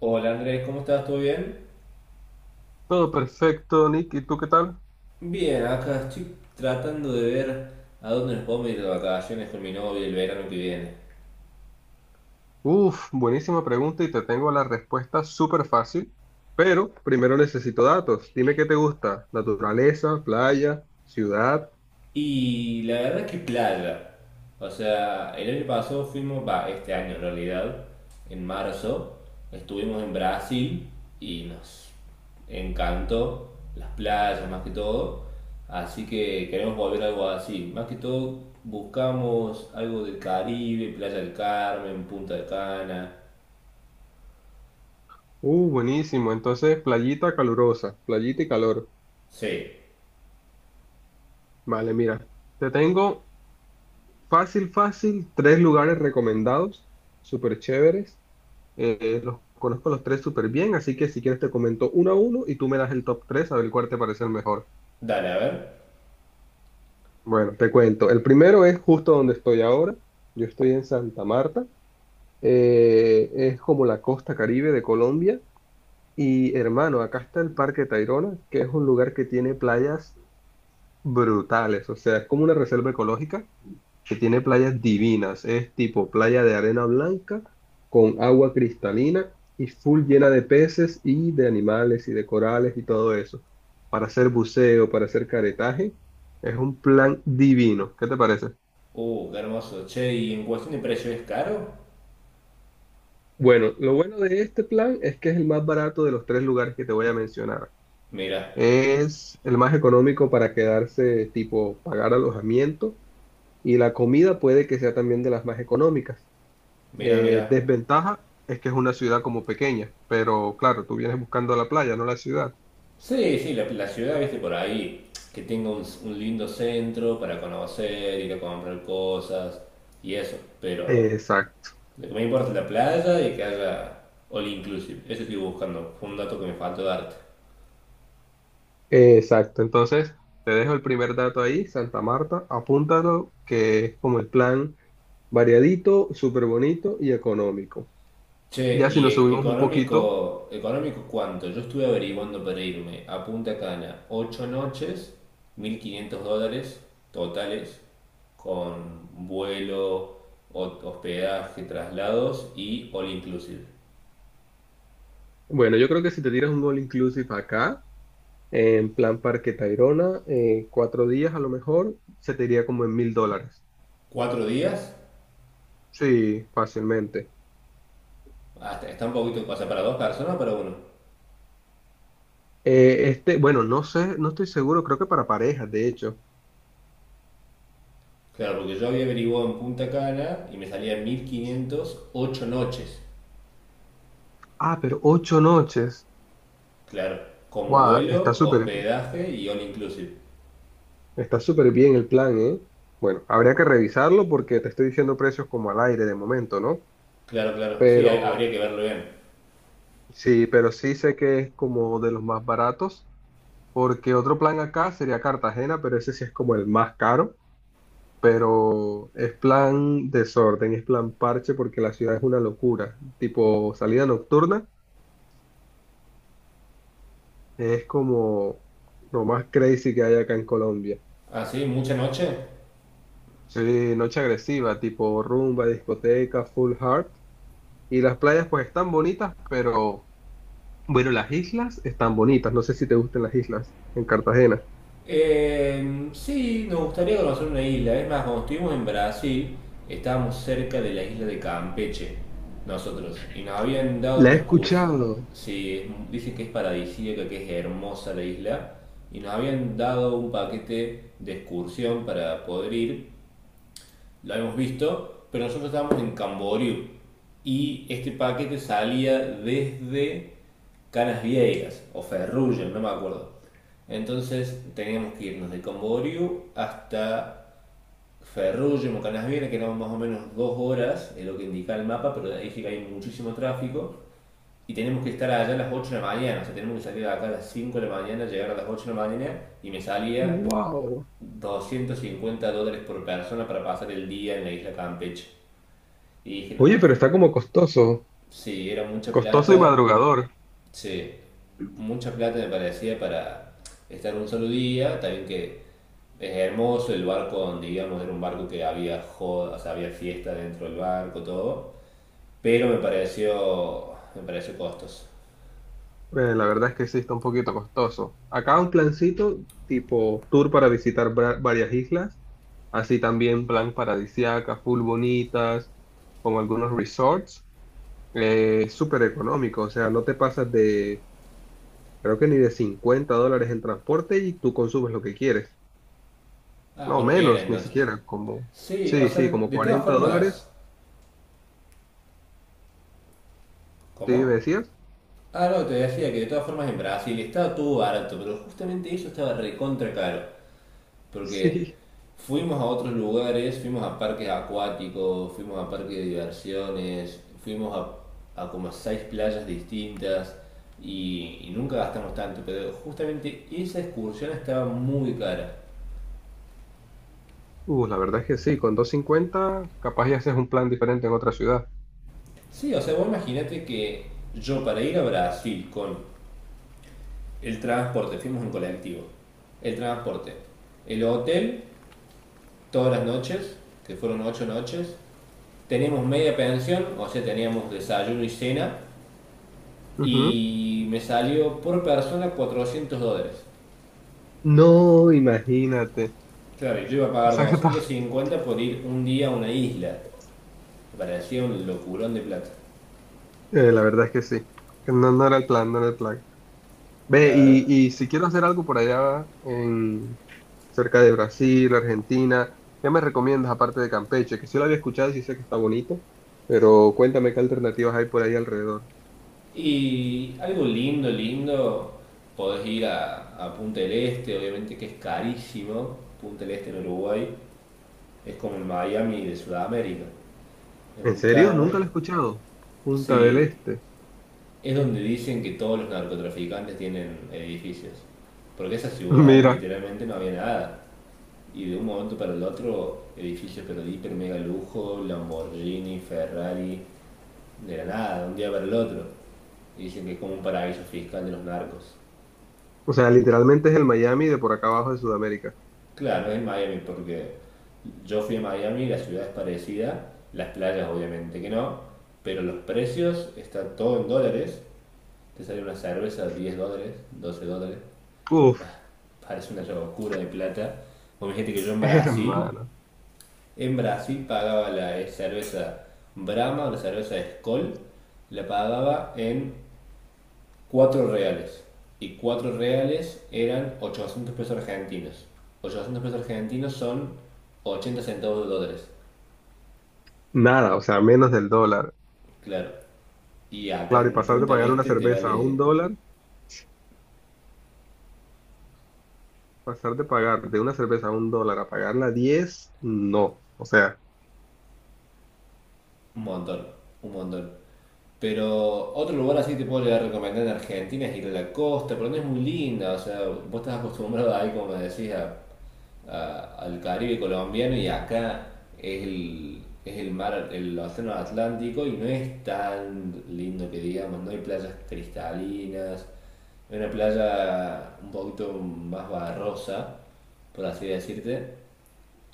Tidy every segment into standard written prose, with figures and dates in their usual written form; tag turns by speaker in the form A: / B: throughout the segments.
A: Hola Andrés, ¿cómo estás? ¿Todo bien?
B: Todo perfecto, Nick. ¿Y tú qué tal?
A: Bien, acá estoy tratando de ver a dónde nos podemos ir de vacaciones con mi novia el verano que viene.
B: Buenísima pregunta y te tengo la respuesta súper fácil, pero primero necesito datos. Dime qué te gusta. Naturaleza, playa, ciudad.
A: Y la verdad es que playa. O sea, el año pasado fuimos, va, este año en realidad, en marzo, estuvimos en Brasil y nos encantó las playas más que todo. Así que queremos volver a algo así. Más que todo buscamos algo del Caribe, Playa del Carmen, Punta de Cana.
B: Buenísimo. Entonces, playita calurosa, playita y calor.
A: Sí.
B: Vale, mira, te tengo fácil, fácil, tres lugares recomendados, súper chéveres. Los conozco los tres súper bien, así que si quieres te comento uno a uno y tú me das el top tres a ver cuál te parece el mejor.
A: Dale, a ver.
B: Bueno, te cuento. El primero es justo donde estoy ahora. Yo estoy en Santa Marta. Es como la costa Caribe de Colombia. Y hermano, acá está el Parque Tayrona, que es un lugar que tiene playas brutales. O sea, es como una reserva ecológica que tiene playas divinas. Es tipo playa de arena blanca con agua cristalina y full llena de peces y de animales y de corales y todo eso. Para hacer buceo, para hacer caretaje, es un plan divino. ¿Qué te parece?
A: Qué hermoso. Che, y en cuestión de precio, ¿es caro?
B: Bueno, lo bueno de este plan es que es el más barato de los tres lugares que te voy a mencionar.
A: Mira,
B: Es el más económico para quedarse, tipo, pagar alojamiento y la comida puede que sea también de las más económicas.
A: mira, mira.
B: Desventaja es que es una ciudad como pequeña, pero claro, tú vienes buscando la playa, no la ciudad.
A: Sí, sí, la ciudad, viste, por ahí, que tenga un lindo centro para conocer, ir a comprar cosas y eso. Pero
B: Exacto,
A: lo que me importa es la playa y que haya all inclusive. Eso estoy buscando. Fue un dato que me faltó darte.
B: exacto. Entonces, te dejo el primer dato ahí, Santa Marta, apúntalo, que es como el plan variadito, súper bonito y económico.
A: Che,
B: Ya si
A: y
B: nos subimos un poquito.
A: económico, económico, ¿cuánto? Yo estuve averiguando para irme a Punta Cana, 8 noches, 1.500 dólares totales, con vuelo, hospedaje, traslados y all inclusive.
B: Bueno, yo creo que si te tiras un all inclusive acá, en plan Parque Tayrona, cuatro días a lo mejor, se te iría como en $1.000.
A: ¿Cuatro días?
B: Sí, fácilmente.
A: Hasta, está un poquito, o sea, ¿para dos personas o para uno?
B: Bueno, no sé, no estoy seguro, creo que para parejas, de hecho.
A: Claro, porque yo había averiguado en Punta Cana y me salía 1.500 8 noches.
B: Ah, pero ocho noches.
A: Claro, con
B: Guau,
A: vuelo, hospedaje y all inclusive.
B: está súper bien el plan, ¿eh? Bueno, habría que revisarlo porque te estoy diciendo precios como al aire de momento, ¿no?
A: Claro, claro, sí,
B: Pero
A: habría que verlo bien.
B: sí, pero sí sé que es como de los más baratos. Porque otro plan acá sería Cartagena, pero ese sí es como el más caro, pero es plan desorden, es plan parche porque la ciudad es una locura, tipo salida nocturna, es como lo más crazy que hay acá en Colombia.
A: Ah, sí, mucha noche.
B: Sí, noche agresiva, tipo rumba, discoteca, full heart. Y las playas pues están bonitas, pero bueno, las islas están bonitas. No sé si te gustan las islas en Cartagena.
A: Sí, nos gustaría conocer una isla. Es más, cuando estuvimos en Brasil, estábamos cerca de la isla de Campeche, nosotros, y nos habían dado
B: La
A: una
B: he
A: excursión.
B: escuchado.
A: Sí, dicen que es paradisíaca, que es hermosa la isla, y nos habían dado un paquete de excursión para poder ir, lo hemos visto, pero nosotros estábamos en Camboriú y este paquete salía desde Canas Viejas o Ferrugem, no me acuerdo. Entonces teníamos que irnos de Camboriú hasta Ferrugem o Canas Viejas, que eran más o menos 2 horas, es lo que indica el mapa, pero ahí sí que hay muchísimo tráfico. Y tenemos que estar allá a las 8 de la mañana, o sea, tenemos que salir de acá a las 5 de la mañana, llegar a las 8 de la mañana, y me salía
B: Wow.
A: 250 dólares por persona para pasar el día en la isla Campeche. Y dije, no,
B: Oye, pero está como costoso.
A: sí, era mucha
B: Costoso y
A: plata,
B: madrugador.
A: sí, mucha plata me parecía para estar un solo día, también que es hermoso el barco donde íbamos, era un barco que había joda, o sea, había fiesta dentro del barco, todo, pero me pareció costoso.
B: La verdad es que sí está un poquito costoso. Acá un plancito tipo tour para visitar varias islas, así también plan paradisiaca, full bonitas, como algunos resorts, es súper económico, o sea, no te pasas de, creo que ni de $50 en transporte y tú consumes lo que quieres.
A: Ah,
B: No,
A: bueno, bien
B: menos, ni
A: entonces.
B: siquiera, como,
A: Sí, o
B: sí,
A: sea,
B: sí, como
A: de todas
B: 40
A: formas,
B: dólares, ¿sí me
A: ¿cómo?
B: decías?
A: Ah, no, te decía que de todas formas en Brasil estaba todo barato, pero justamente eso estaba recontra caro. Porque
B: Sí.
A: fuimos a otros lugares, fuimos a parques acuáticos, fuimos a parques de diversiones, fuimos a como seis playas distintas y nunca gastamos tanto, pero justamente esa excursión estaba muy cara.
B: La verdad es que sí, con 250, capaz ya haces un plan diferente en otra ciudad.
A: Sí, o sea, vos imaginate que yo para ir a Brasil con el transporte, fuimos en colectivo, el transporte, el hotel todas las noches, que fueron 8 noches. Teníamos media pensión, o sea, teníamos desayuno y cena,
B: Ujú.
A: y me salió por persona 400 dólares.
B: No, imagínate.
A: Claro, yo iba a
B: O
A: pagar
B: sea que está.
A: 250 por ir un día a una isla. Me parecía un locurón de plata,
B: La verdad es que sí. Que no, no era el plan, no era el plan. Ve,
A: la
B: y,
A: verdad.
B: y si quiero hacer algo por allá en cerca de Brasil, Argentina, ¿qué me recomiendas aparte de Campeche? Que sí lo había escuchado y sí sé que está bonito, pero cuéntame qué alternativas hay por ahí alrededor.
A: Y algo lindo, lindo, podés ir a Punta del Este, obviamente que es carísimo. Punta del Este en Uruguay es como el Miami de Sudamérica, es
B: ¿En
A: muy
B: serio? Nunca
A: caro.
B: lo he escuchado. Punta del
A: Sí,
B: Este.
A: es donde dicen que todos los narcotraficantes tienen edificios. Porque esa ciudad
B: Mira,
A: literalmente no había nada. Y de un momento para el otro, edificios pero de hiper mega lujo, Lamborghini, Ferrari, de la nada, de un día para el otro. Y dicen que es como un paraíso fiscal de los narcos.
B: o sea, literalmente es el Miami de por acá abajo de Sudamérica.
A: Claro, es Miami porque yo fui a Miami, la ciudad es parecida, las playas obviamente que no, pero los precios están todo en dólares. Te sale una cerveza de 10 dólares, 12 dólares. Y
B: Uf,
A: parece una llave oscura de plata. Vos gente que yo en Brasil,
B: hermano.
A: en Brasil pagaba la cerveza Brahma, la cerveza Skol, la pagaba en 4 reales. Y 4 reales eran 800 pesos argentinos. Ochocientos pesos argentinos son 80 centavos de dólares.
B: Nada, o sea, menos del dólar.
A: Claro. Y acá
B: Claro, y
A: en
B: pasar de
A: Punta del
B: pagar una
A: Este te
B: cerveza a
A: vale
B: un dólar, pasar de pagar de una cerveza a un dólar a pagarla a 10, no. O sea,
A: un montón, un montón. Pero otro lugar así te puedo recomendar en Argentina es ir a la costa, pero no es muy linda, o sea, vos estás acostumbrado ahí, como me decís, al Caribe colombiano y acá es el, mar, el océano Atlántico y no es tan lindo que digamos, no hay playas cristalinas, hay una playa un poquito más barrosa, por así decirte,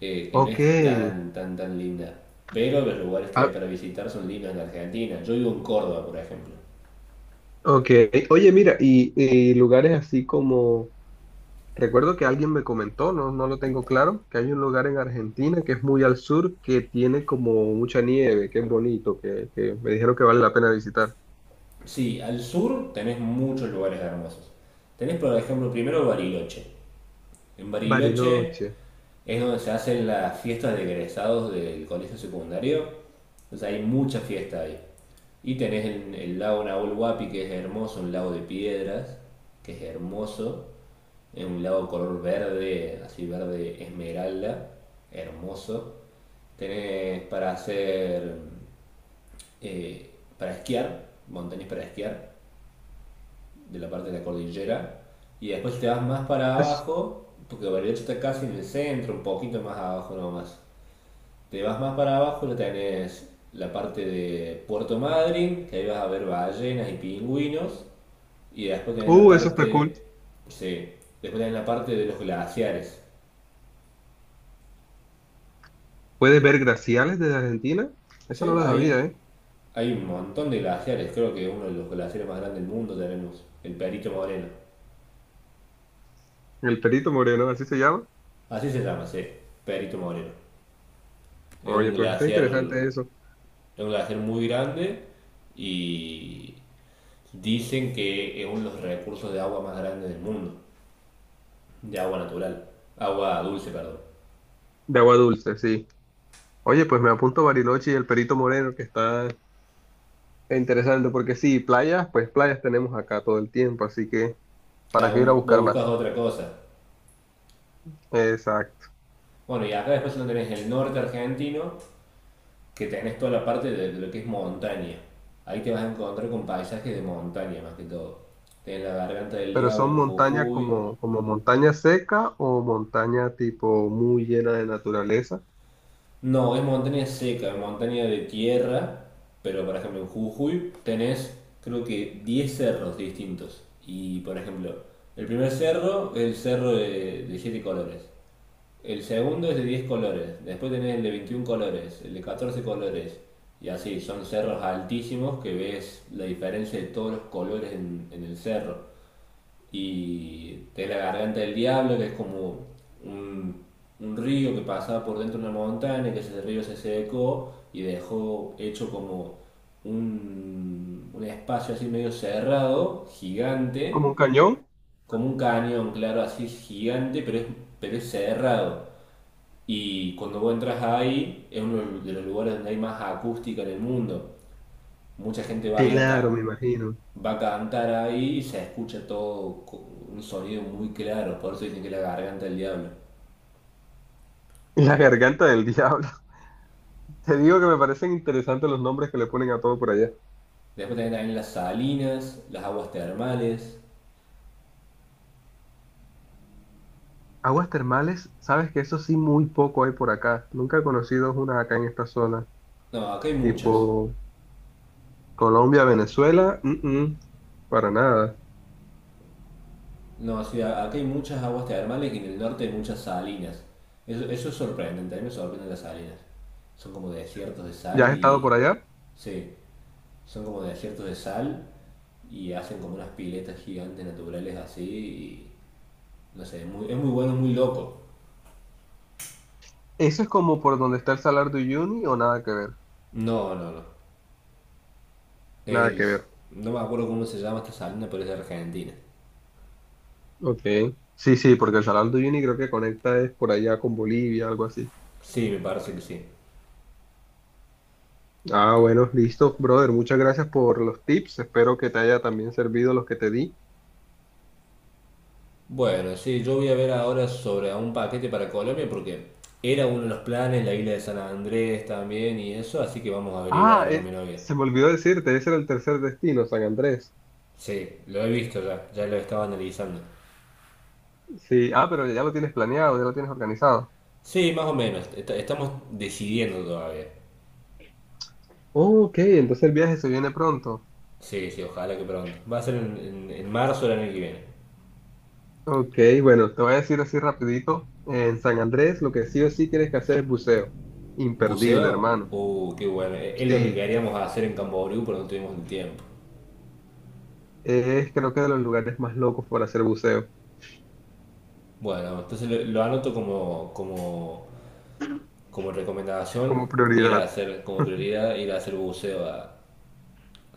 A: que no
B: ok.
A: es tan, tan, tan linda. Pero los lugares que hay
B: Ah,
A: para visitar son lindos en Argentina. Yo vivo en Córdoba, por ejemplo.
B: ok. Oye, mira, y lugares así como, recuerdo que alguien me comentó, no, no lo tengo claro, que hay un lugar en Argentina que es muy al sur, que tiene como mucha nieve, que es bonito, que me dijeron que vale la pena visitar.
A: Sí, al sur tenés muchos lugares hermosos. Tenés, por ejemplo, primero Bariloche. En Bariloche
B: Bariloche.
A: es donde se hacen las fiestas de egresados del colegio secundario. Entonces hay mucha fiesta ahí. Y tenés el lago Nahuel Huapi, que es hermoso, un lago de piedras, que es hermoso. Es un lago color verde, así verde esmeralda, hermoso. Tenés para hacer, eh, para esquiar, montañas para esquiar, de la parte de la cordillera. Y después te vas más para
B: Es-
A: abajo, porque Bariloche está casi en el centro, un poquito más abajo nomás. Te vas más para abajo, lo tenés la parte de Puerto Madryn, que ahí vas a ver ballenas y pingüinos, y después tenés la
B: Eso está cool.
A: parte, sí, después tenés la parte de los glaciares.
B: ¿Puedes ver glaciales desde Argentina? Eso no
A: Sí,
B: lo sabía,
A: hay,
B: ¿eh?
A: hay un montón de glaciares, creo que uno de los glaciares más grandes del mundo tenemos, el Perito Moreno.
B: El Perito Moreno, así se llama.
A: Así se llama, sí, Perito Moreno. Es un
B: Oye, pues está
A: glaciar,
B: interesante eso.
A: es un glaciar muy grande y dicen que es uno de los recursos de agua más grandes del mundo. De agua natural. Agua dulce, perdón.
B: De agua dulce, sí. Oye, pues me apunto Bariloche y el Perito Moreno, que está interesante, porque sí, playas, pues playas tenemos acá todo el tiempo, así que ¿para qué ir a
A: Claro, vos
B: buscar
A: buscas
B: más?
A: otra cosa.
B: Exacto.
A: Bueno, y acá después lo tenés el norte argentino, que tenés toda la parte de lo que es montaña. Ahí te vas a encontrar con paisajes de montaña más que todo. Tenés la garganta del
B: Pero
A: diablo
B: son
A: en
B: montañas
A: Jujuy.
B: como, como montaña seca o montaña tipo muy llena de naturaleza,
A: No, es montaña seca, es montaña de tierra. Pero por ejemplo en Jujuy tenés creo que 10 cerros distintos. Y por ejemplo, el primer cerro es el cerro de siete colores. El segundo es de 10 colores, después tenés el de 21 colores, el de 14 colores, y así, son cerros altísimos que ves la diferencia de todos los colores en, el cerro. Y tenés la garganta del diablo, que es como un, un río que pasaba por dentro de una montaña, que ese río se secó y dejó hecho como un espacio así medio cerrado,
B: como
A: gigante,
B: un cañón.
A: como un cañón, claro, así gigante, pero es cerrado. Y cuando vos entras ahí, es uno de los lugares donde hay más acústica en el mundo. Mucha gente va a ir
B: Claro, me
A: acá,
B: imagino.
A: va a cantar ahí y se escucha todo con un sonido muy claro, por eso dicen que es la garganta del diablo.
B: La garganta del diablo. Te digo que me parecen interesantes los nombres que le ponen a todo por allá.
A: Después tenés también las salinas, las aguas termales.
B: Aguas termales, sabes que eso sí muy poco hay por acá. Nunca he conocido una acá en esta zona.
A: No, acá hay muchas.
B: Tipo Colombia, Venezuela, para nada.
A: No, sí, acá hay muchas aguas termales y en el norte hay muchas salinas. Eso es sorprendente, a mí me sorprenden las salinas. Son como desiertos de
B: ¿Ya
A: sal
B: has estado
A: y...
B: por allá?
A: Sí, son como desiertos de sal y hacen como unas piletas gigantes naturales así y no sé, es muy bueno, es muy loco.
B: Eso es como por donde está el Salar de Uyuni o nada que ver.
A: No, no, no.
B: Nada que
A: Es,
B: ver.
A: no me acuerdo cómo se llama esta salina, pero es de Argentina.
B: Ok. Sí, sí, porque el Salar de Uyuni creo que conecta es por allá con Bolivia, algo así.
A: Sí, me parece que sí.
B: Ah, bueno, listo, brother. Muchas gracias por los tips. Espero que te haya también servido los que te di.
A: Bueno, sí, yo voy a ver ahora sobre un paquete para Colombia porque era uno de los planes, la isla de San Andrés también y eso, así que vamos a averiguar ahora con mi novia.
B: Se me olvidó decirte, ese era el tercer destino, San Andrés.
A: Sí, lo he visto ya, ya lo estaba analizando.
B: Sí, ah, pero ya lo tienes planeado, ya lo tienes organizado.
A: Sí, más o menos, estamos decidiendo todavía.
B: Oh, ok, entonces el viaje se viene pronto.
A: Sí, sí, ojalá que pronto. Va a ser en, en marzo del año que viene.
B: Ok, bueno, te voy a decir así rapidito. En San Andrés lo que sí o sí tienes que hacer es buceo. Imperdible,
A: ¿Buceo?
B: hermano.
A: Qué bueno. Es lo que
B: Sí,
A: queríamos hacer en Camboriú, pero no tuvimos el tiempo.
B: es creo que de los lugares más locos para hacer buceo
A: Bueno, entonces lo anoto como recomendación,
B: como
A: ir a
B: prioridad.
A: hacer, como prioridad, ir a hacer buceo a,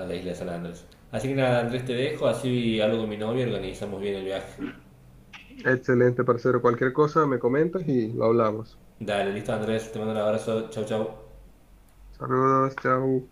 A: a la isla de San Andrés. Así que nada, Andrés, te dejo, así hablo con mi novia y organizamos bien el viaje.
B: Excelente, parcero. Cualquier cosa me comentas y lo hablamos.
A: Dale, listo Andrés, te mando un abrazo, chau chau.
B: Saludos, chao.